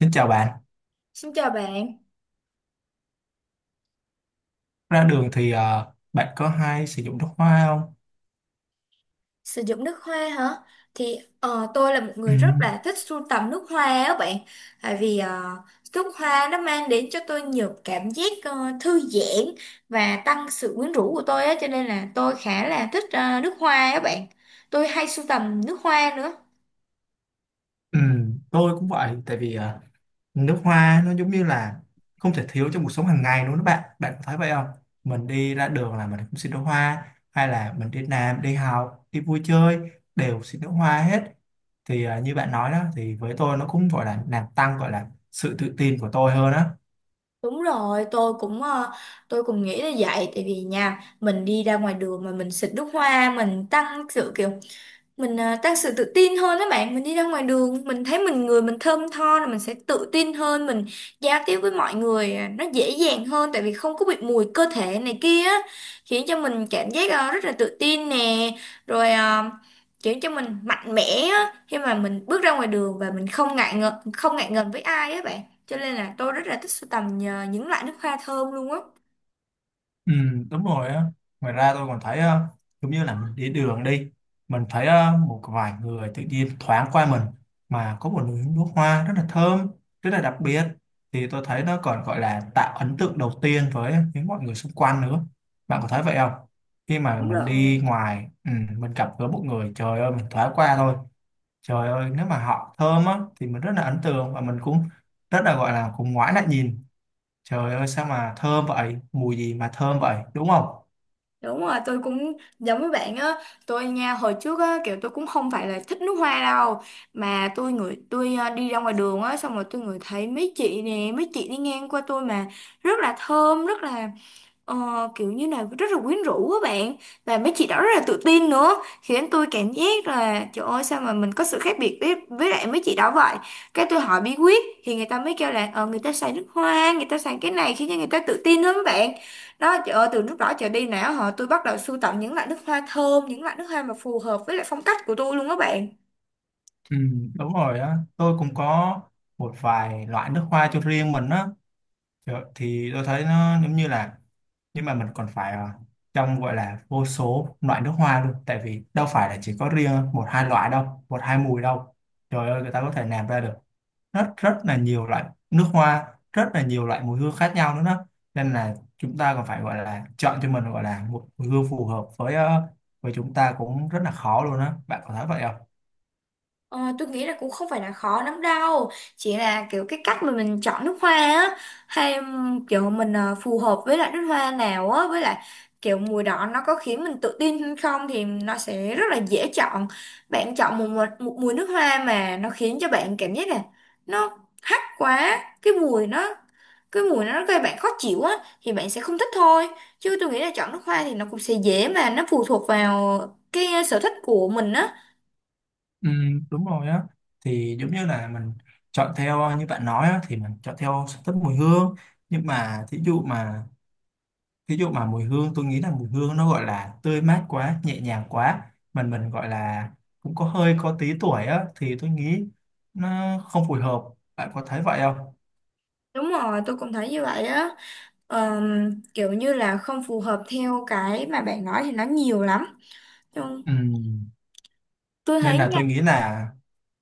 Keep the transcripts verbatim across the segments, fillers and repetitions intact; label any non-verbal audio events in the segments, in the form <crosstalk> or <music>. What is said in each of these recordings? Xin chào bạn. Xin chào bạn, Ra đường thì ờ, bạn có hay sử dụng nước hoa không? sử dụng nước hoa hả? Thì ờ, tôi là một Ừ, người rất là thích sưu tầm nước hoa á bạn. Tại vì ờ, Nước hoa nó mang đến cho tôi nhiều cảm giác ờ, thư giãn và tăng sự quyến rũ của tôi á. Cho nên là tôi khá là thích ờ, nước hoa á bạn. Tôi hay sưu tầm nước hoa nữa. ừ, tôi cũng vậy. Tại vì ờ, nước hoa nó giống như là không thể thiếu trong cuộc sống hàng ngày luôn đó bạn. Bạn có thấy vậy không? Mình đi ra đường là mình cũng xin nước hoa. Hay là mình đi làm, đi học, đi vui chơi đều xin nước hoa hết. Thì ờ, như bạn nói đó thì với tôi nó cũng gọi là làm tăng, gọi là sự tự tin của tôi hơn á. Đúng rồi, tôi cũng ờ, tôi cũng nghĩ là vậy. Tại vì nha, mình đi ra ngoài đường mà mình xịt nước hoa. Mình tăng sự kiểu mình à, Tăng sự tự tin hơn đó bạn, mình đi ra ngoài đường mình thấy mình người mình thơm tho là mình sẽ tự tin hơn, mình giao tiếp với mọi người à, nó dễ dàng hơn tại vì không có bị mùi cơ thể này kia á, khiến cho mình cảm giác à, rất là tự tin nè, rồi à, khiến cho mình mạnh mẽ á khi mà mình bước ra ngoài đường và mình không ngại ngần không ngại ngần với ai á bạn, cho nên là tôi rất là thích sưu tầm à, những loại nước hoa thơm luôn á. Ừ, đúng rồi á. Ngoài ra tôi còn thấy ờ, giống như là mình đi đường đi, mình thấy ờ, một vài người tự nhiên thoáng qua mình mà có một nụ nước hoa rất là thơm, rất là đặc biệt, thì tôi thấy nó còn gọi là tạo ấn tượng đầu tiên với những mọi người xung quanh nữa. Bạn có thấy vậy không, khi mà Đúng mình đi rồi. ngoài, ừ, mình gặp gỡ một người, trời ơi mình thoáng qua thôi, trời ơi nếu mà họ thơm á thì mình rất là ấn tượng và mình cũng rất là gọi là cũng ngoái lại nhìn. Trời ơi sao mà thơm vậy, mùi gì mà thơm vậy, đúng không? Đúng rồi, tôi cũng giống với bạn á. Tôi nha, hồi trước á kiểu tôi cũng không phải là thích nước hoa đâu, mà tôi ngửi tôi à, đi ra ngoài đường á, xong rồi tôi ngửi thấy mấy chị nè, mấy chị đi ngang qua tôi mà rất là thơm, rất là Ờ, kiểu như này rất là quyến rũ các bạn, và mấy chị đó rất là tự tin nữa, khiến tôi cảm giác là trời ơi sao mà mình có sự khác biệt với với lại mấy chị đó vậy. Cái tôi hỏi bí quyết thì người ta mới kêu là ờ, người ta xài nước hoa, người ta xài cái này khiến cho người ta tự tin lắm các bạn. Đó trời ơi, từ lúc đó trở đi nào họ tôi bắt đầu sưu tầm những loại nước hoa thơm, những loại nước hoa mà phù hợp với lại phong cách của tôi luôn các bạn. Ừ, đúng rồi á, tôi cũng có một vài loại nước hoa cho riêng mình á. Trời, thì tôi thấy nó giống như là, nhưng mà mình còn phải ờ, trong gọi là vô số loại nước hoa luôn, tại vì đâu phải là chỉ có riêng một hai loại đâu, một hai mùi đâu. Trời ơi người ta có thể làm ra được rất rất là nhiều loại nước hoa, rất là nhiều loại mùi hương khác nhau nữa đó. Nên là chúng ta còn phải gọi là chọn cho mình gọi là một mùi hương phù hợp với ờ, với chúng ta cũng rất là khó luôn á. Bạn có thấy vậy không? Ờ, tôi nghĩ là cũng không phải là khó lắm đâu, chỉ là kiểu cái cách mà mình chọn nước hoa á, hay ừm, kiểu mình ờ, phù hợp với lại nước hoa nào á, với lại kiểu mùi đó nó có khiến mình tự tin hay không thì nó sẽ rất là dễ chọn. Bạn chọn một, một, một mùi nước hoa mà nó khiến cho bạn cảm giác là nó hắc quá cái mùi nó cái mùi nó gây bạn khó chịu á thì bạn sẽ không thích thôi, chứ tôi nghĩ là chọn nước hoa thì nó cũng sẽ dễ, mà nó phụ thuộc vào cái sở thích của mình á. Ừ, đúng rồi á, thì giống như là mình chọn theo ờ, như bạn nói á, thì mình chọn theo sở thích mùi hương, nhưng mà thí dụ mà ví dụ mà mùi hương, tôi nghĩ là mùi hương nó gọi là tươi mát quá, nhẹ nhàng quá, mình mình gọi là cũng có hơi có tí tuổi á thì tôi nghĩ nó không phù hợp. Bạn có thấy vậy không? Đúng rồi, tôi cũng thấy như vậy á. Ờm, kiểu như là không phù hợp theo cái mà bạn nói thì nó nhiều lắm. Nhưng Ừ, tôi nên thấy là nha, tôi nghĩ là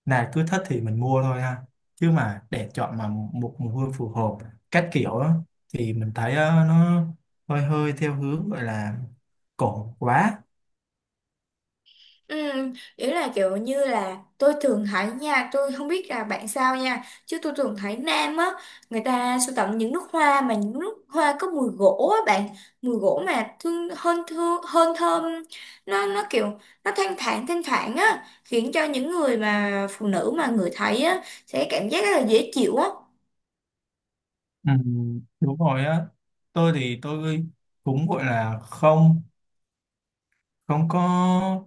là cứ thích thì mình mua thôi ha, chứ mà để chọn mà một mùi hương phù hợp các kiểu á, thì mình thấy ờ, nó hơi hơi theo hướng gọi là cổ quá. ừm, ý là kiểu như là tôi thường thấy nha, tôi không biết là bạn sao nha, chứ tôi thường thấy nam á, người ta sưu tầm những nút hoa mà những nút hoa có mùi gỗ á bạn, mùi gỗ mà thương hơn thương hơn thơm, nó nó kiểu nó thanh thản thanh thản á, khiến cho những người mà phụ nữ mà người thấy á sẽ cảm giác rất là dễ chịu á. Ừ, đúng rồi á. Tôi thì tôi cũng gọi là không không có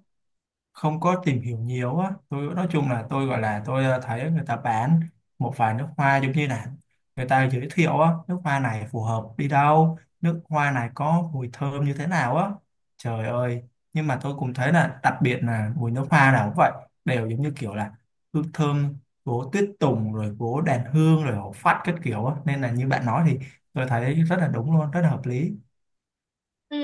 không có tìm hiểu nhiều á. Tôi nói chung là tôi gọi là tôi ờ, thấy người ta bán một vài nước hoa, giống như là người ta giới thiệu á, nước hoa này phù hợp đi đâu, nước hoa này có mùi thơm như thế nào á. Trời ơi, nhưng mà tôi cũng thấy là đặc biệt là mùi nước hoa nào cũng vậy, đều giống như kiểu là hương thơm gỗ tuyết tùng, rồi gỗ đàn hương, rồi hổ phách các kiểu á, nên là như bạn nói thì tôi thấy rất là đúng luôn, rất là hợp lý. Ừ,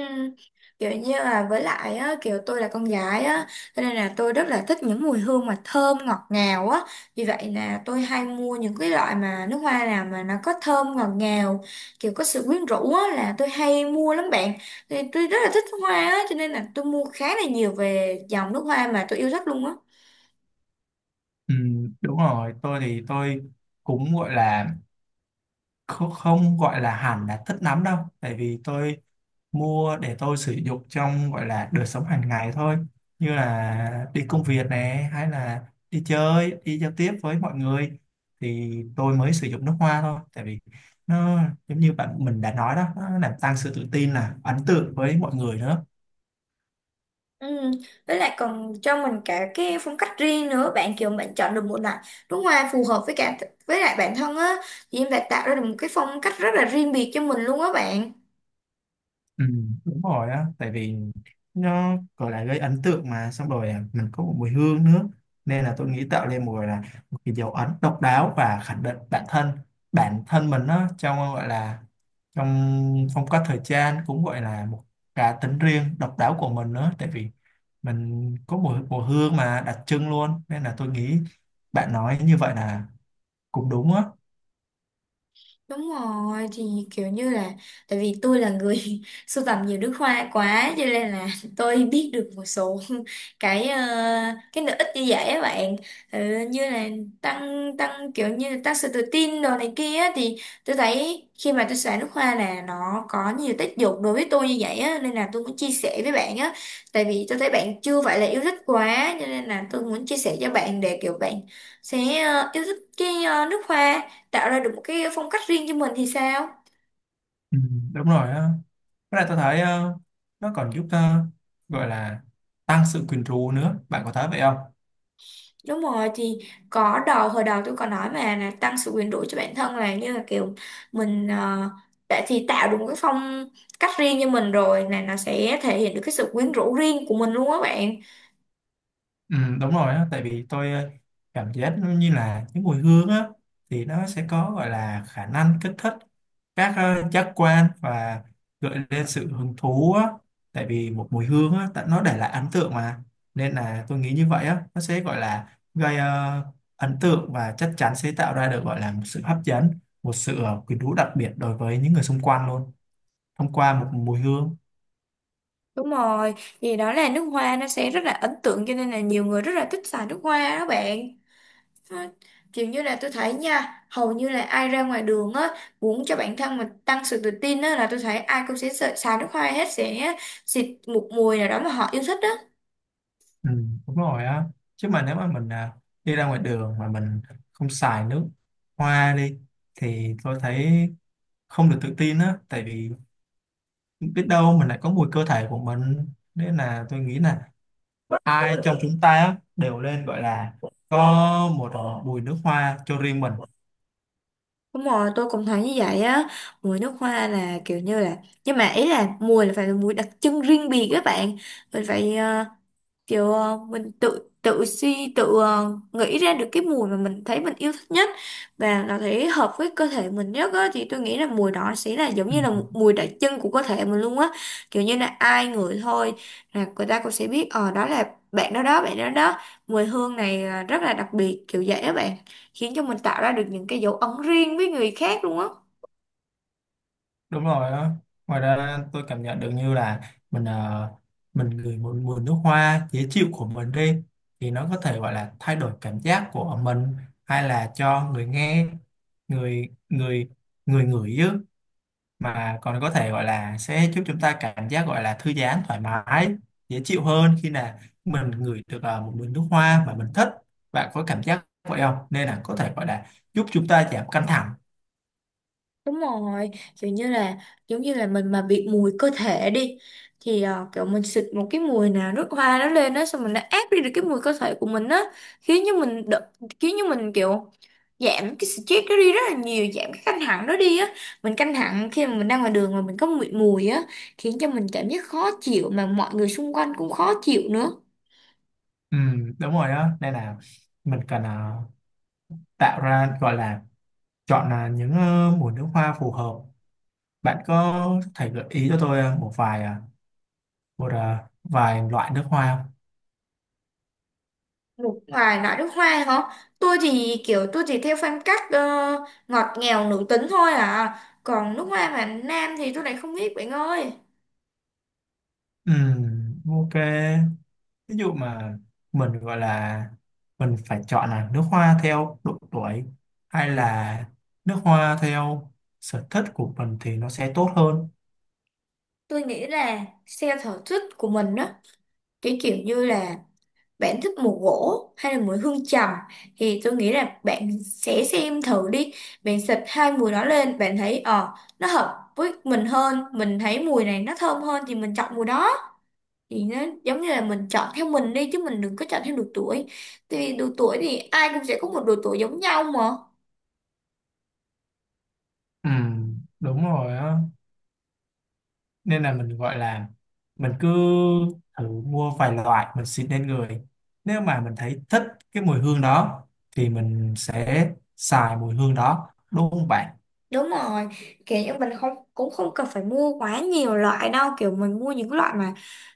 kiểu như là với lại á, kiểu tôi là con gái á cho nên là tôi rất là thích những mùi hương mà thơm ngọt ngào á, vì vậy là tôi hay mua những cái loại mà nước hoa nào mà nó có thơm ngọt ngào, kiểu có sự quyến rũ á là tôi hay mua lắm bạn. Thì tôi rất là thích hoa á cho nên là tôi mua khá là nhiều về dòng nước hoa mà tôi yêu thích luôn á. Ừ, đúng rồi, tôi thì tôi cũng gọi là không, không gọi là hẳn là thích lắm đâu, tại vì tôi mua để tôi sử dụng trong gọi là đời sống hàng ngày thôi, như là đi công việc này hay là đi chơi, đi giao tiếp với mọi người thì tôi mới sử dụng nước hoa thôi, tại vì nó giống như bạn mình đã nói đó, nó làm tăng sự tự tin là ấn tượng với mọi người nữa. Ừ. Với lại còn cho mình cả cái phong cách riêng nữa bạn, kiểu bạn chọn được một loại đúng hoa phù hợp với cả với lại bản thân á thì em đã tạo ra được một cái phong cách rất là riêng biệt cho mình luôn á bạn. Ừ, đúng rồi á, tại vì nó gọi là gây ấn tượng mà, xong rồi à, mình có một mùi hương nữa, nên là tôi nghĩ tạo nên một gọi là một cái dấu ấn độc đáo và khẳng định bản thân bản thân mình đó, trong gọi là trong phong cách thời trang, cũng gọi là một cá tính riêng độc đáo của mình nữa, tại vì mình có mùi mùi hương mà đặc trưng luôn, nên là tôi nghĩ bạn nói như vậy là cũng đúng á. Đúng rồi thì kiểu như là tại vì tôi là người <laughs> sưu tầm nhiều nước hoa quá cho nên là <laughs> tôi biết được một số <laughs> cái ờ, cái lợi ích như vậy á bạn. Ờ, như là tăng tăng kiểu như là tăng sự tự tin đồ này kia á, thì tôi thấy khi mà tôi xài nước hoa là nó có nhiều tác dụng đối với tôi như vậy á nên là tôi muốn chia sẻ với bạn á, tại vì tôi thấy bạn chưa phải là yêu thích quá cho nên là tôi muốn chia sẻ cho bạn để kiểu bạn sẽ ờ, yêu thích cái ờ, nước hoa, tạo ra được một cái phong cách riêng cho mình thì sao. Ừ, đúng rồi á. Với lại tôi thấy ờ, nó còn giúp ờ, gọi là tăng sự quyến rũ nữa. Bạn có thấy vậy không? Đúng rồi thì có đầu hồi đầu tôi còn nói mà là tăng sự quyền rũ cho bản thân, là như là kiểu mình ờ, đã thì tạo được một cái phong cách riêng cho mình rồi là nó sẽ thể hiện được cái sự quyến rũ riêng của mình luôn á bạn. Ừ, đúng rồi á, tại vì tôi ờ, cảm giác nó như là những mùi hương á thì nó sẽ có gọi là khả năng kích thích các ờ, giác quan và gợi lên sự hứng thú á. Tại vì một mùi hương á, tại nó để lại ấn tượng mà. Nên là tôi nghĩ như vậy á, nó sẽ gọi là gây ờ, ấn tượng và chắc chắn sẽ tạo ra được gọi là một sự hấp dẫn, một sự ờ, quyến rũ đặc biệt đối với những người xung quanh luôn, thông qua một mùi hương. Đúng rồi thì đó là nước hoa nó sẽ rất là ấn tượng cho nên là nhiều người rất là thích xài nước hoa đó bạn. À, kiểu như là tôi thấy nha, hầu như là ai ra ngoài đường á muốn cho bản thân mình tăng sự tự tin á là tôi thấy ai cũng sẽ sợ xài nước hoa hết, sẽ xịt một mùi nào đó mà họ yêu thích á. Ừ, đúng rồi á, chứ mà nếu mà mình à, đi ra ngoài đường mà mình không xài nước hoa đi thì tôi thấy không được tự tin á, tại vì biết đâu mình lại có mùi cơ thể của mình, nên là tôi nghĩ là ai trong chúng ta á đều nên gọi là có một mùi nước hoa cho riêng mình. Đúng rồi tôi cũng thấy như vậy á, mùi nước hoa là kiểu như là nhưng mà ý là mùi là phải là mùi đặc trưng riêng biệt các bạn. Mình phải kiểu ờ, mình tự tự suy tự ờ, nghĩ ra được cái mùi mà mình thấy mình yêu thích nhất và nó thấy hợp với cơ thể mình nhất á, thì tôi nghĩ là mùi đó sẽ là giống Ừ, như là một mùi đặc trưng của cơ thể mình luôn á. Kiểu như là ai ngửi thôi là người ta cũng sẽ biết ờ đó là bạn đó đó, bạn đó đó, mùi hương này ờ, rất là đặc biệt kiểu vậy á bạn, khiến cho mình tạo ra được những cái dấu ấn riêng với người khác luôn á. đúng rồi á. Ngoài ra tôi cảm nhận được như là mình ờ, mình ngửi một mùi nước hoa dễ chịu của mình đi thì nó có thể gọi là thay đổi cảm giác của mình, hay là cho người nghe, người người người ngửi chứ, mà còn có thể gọi là sẽ giúp chúng ta cảm giác gọi là thư giãn, thoải mái, dễ chịu hơn khi là mình ngửi được ờ, một mùi nước hoa mà mình thích. Bạn có cảm giác vậy không, nên là có thể gọi là giúp chúng ta giảm căng thẳng. Đúng rồi, kiểu như là giống như là mình mà bị mùi cơ thể đi thì ờ, kiểu mình xịt một cái mùi nào nước hoa nó lên đó xong mình nó át đi được cái mùi cơ thể của mình á, khiến cho mình đ- khiến cho mình kiểu giảm cái stress đó đi rất là nhiều, giảm cái căng thẳng đó đi á. Mình căng thẳng khi mà mình đang ngoài đường mà mình có mùi mùi á, khiến cho mình cảm giác khó chịu mà mọi người xung quanh cũng khó chịu nữa. Ừ, đúng rồi đó, nên là mình cần à, tạo ra gọi là chọn là những ờ, mùa nước hoa phù hợp. Bạn có thể gợi ý cho tôi ờ, một vài ờ, một ờ, vài loại nước hoa không? Nước ngoài loại nước hoa hả? Tôi thì kiểu tôi chỉ theo phong cách ờ, ngọt ngào nữ tính thôi à. Còn nước hoa mà nam thì tôi lại không biết bạn ơi. Ừm, ok, ví dụ mà mình gọi là mình phải chọn là nước hoa theo độ tuổi hay là nước hoa theo sở thích của mình thì nó sẽ tốt hơn. Tôi nghĩ là xe sở thích của mình đó. Cái kiểu như là bạn thích mùi gỗ hay là mùi hương trầm thì tôi nghĩ là bạn sẽ xem thử đi. Bạn xịt hai mùi đó lên bạn thấy ờ nó hợp với mình hơn, mình thấy mùi này nó thơm hơn thì mình chọn mùi đó. Thì nó giống như là mình chọn theo mình đi, chứ mình đừng có chọn theo độ tuổi, tại vì độ tuổi thì ai cũng sẽ có một độ tuổi giống nhau mà. Ừm, đúng rồi á, nên là mình gọi là mình cứ thử mua vài loại mình xịt lên người, nếu mà mình thấy thích cái mùi hương đó thì mình sẽ xài mùi hương đó, đúng không bạn? Đúng rồi, kiểu như mình không cũng không cần phải mua quá nhiều loại đâu, kiểu mình mua những loại mà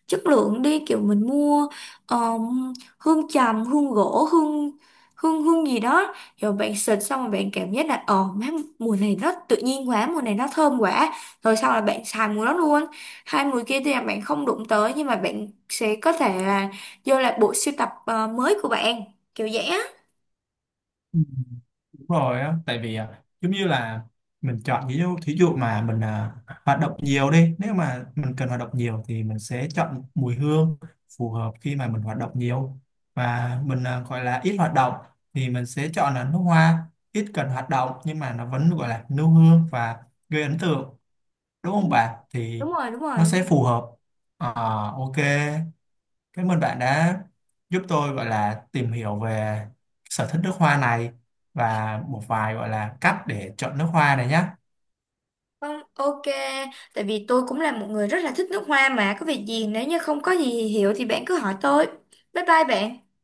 chất lượng đi, kiểu mình mua um, hương trầm, hương gỗ, hương hương hương gì đó, rồi bạn xịt xong rồi bạn cảm giác là ờ má, mùi này nó tự nhiên quá, mùi này nó thơm quá, rồi sau là bạn xài mùi đó luôn. Hai mùi kia thì là bạn không đụng tới, nhưng mà bạn sẽ có thể là vô lại bộ sưu tập ờ, mới của bạn, kiểu vậy á. Ừ. Đúng rồi á, tại vì à, giống như là mình chọn, ví dụ thí dụ mà mình à, hoạt động nhiều đi, nếu mà mình cần hoạt động nhiều thì mình sẽ chọn mùi hương phù hợp khi mà mình hoạt động nhiều, và mình à, gọi là ít hoạt động thì mình sẽ chọn là nước hoa ít cần hoạt động, nhưng mà nó vẫn gọi là nêu hương và gây ấn tượng, đúng Ừ. không bạn? Thì Đúng rồi, đúng nó rồi. sẽ phù hợp. Ờ, ok, cảm ơn bạn đã giúp tôi gọi là tìm hiểu về sở thích nước hoa này và một vài gọi là cách để chọn nước hoa này nhé. Không, ok, tại vì tôi cũng là một người rất là thích nước hoa mà, có việc gì nếu như không có gì hiểu thì bạn cứ hỏi tôi. Bye bye bạn.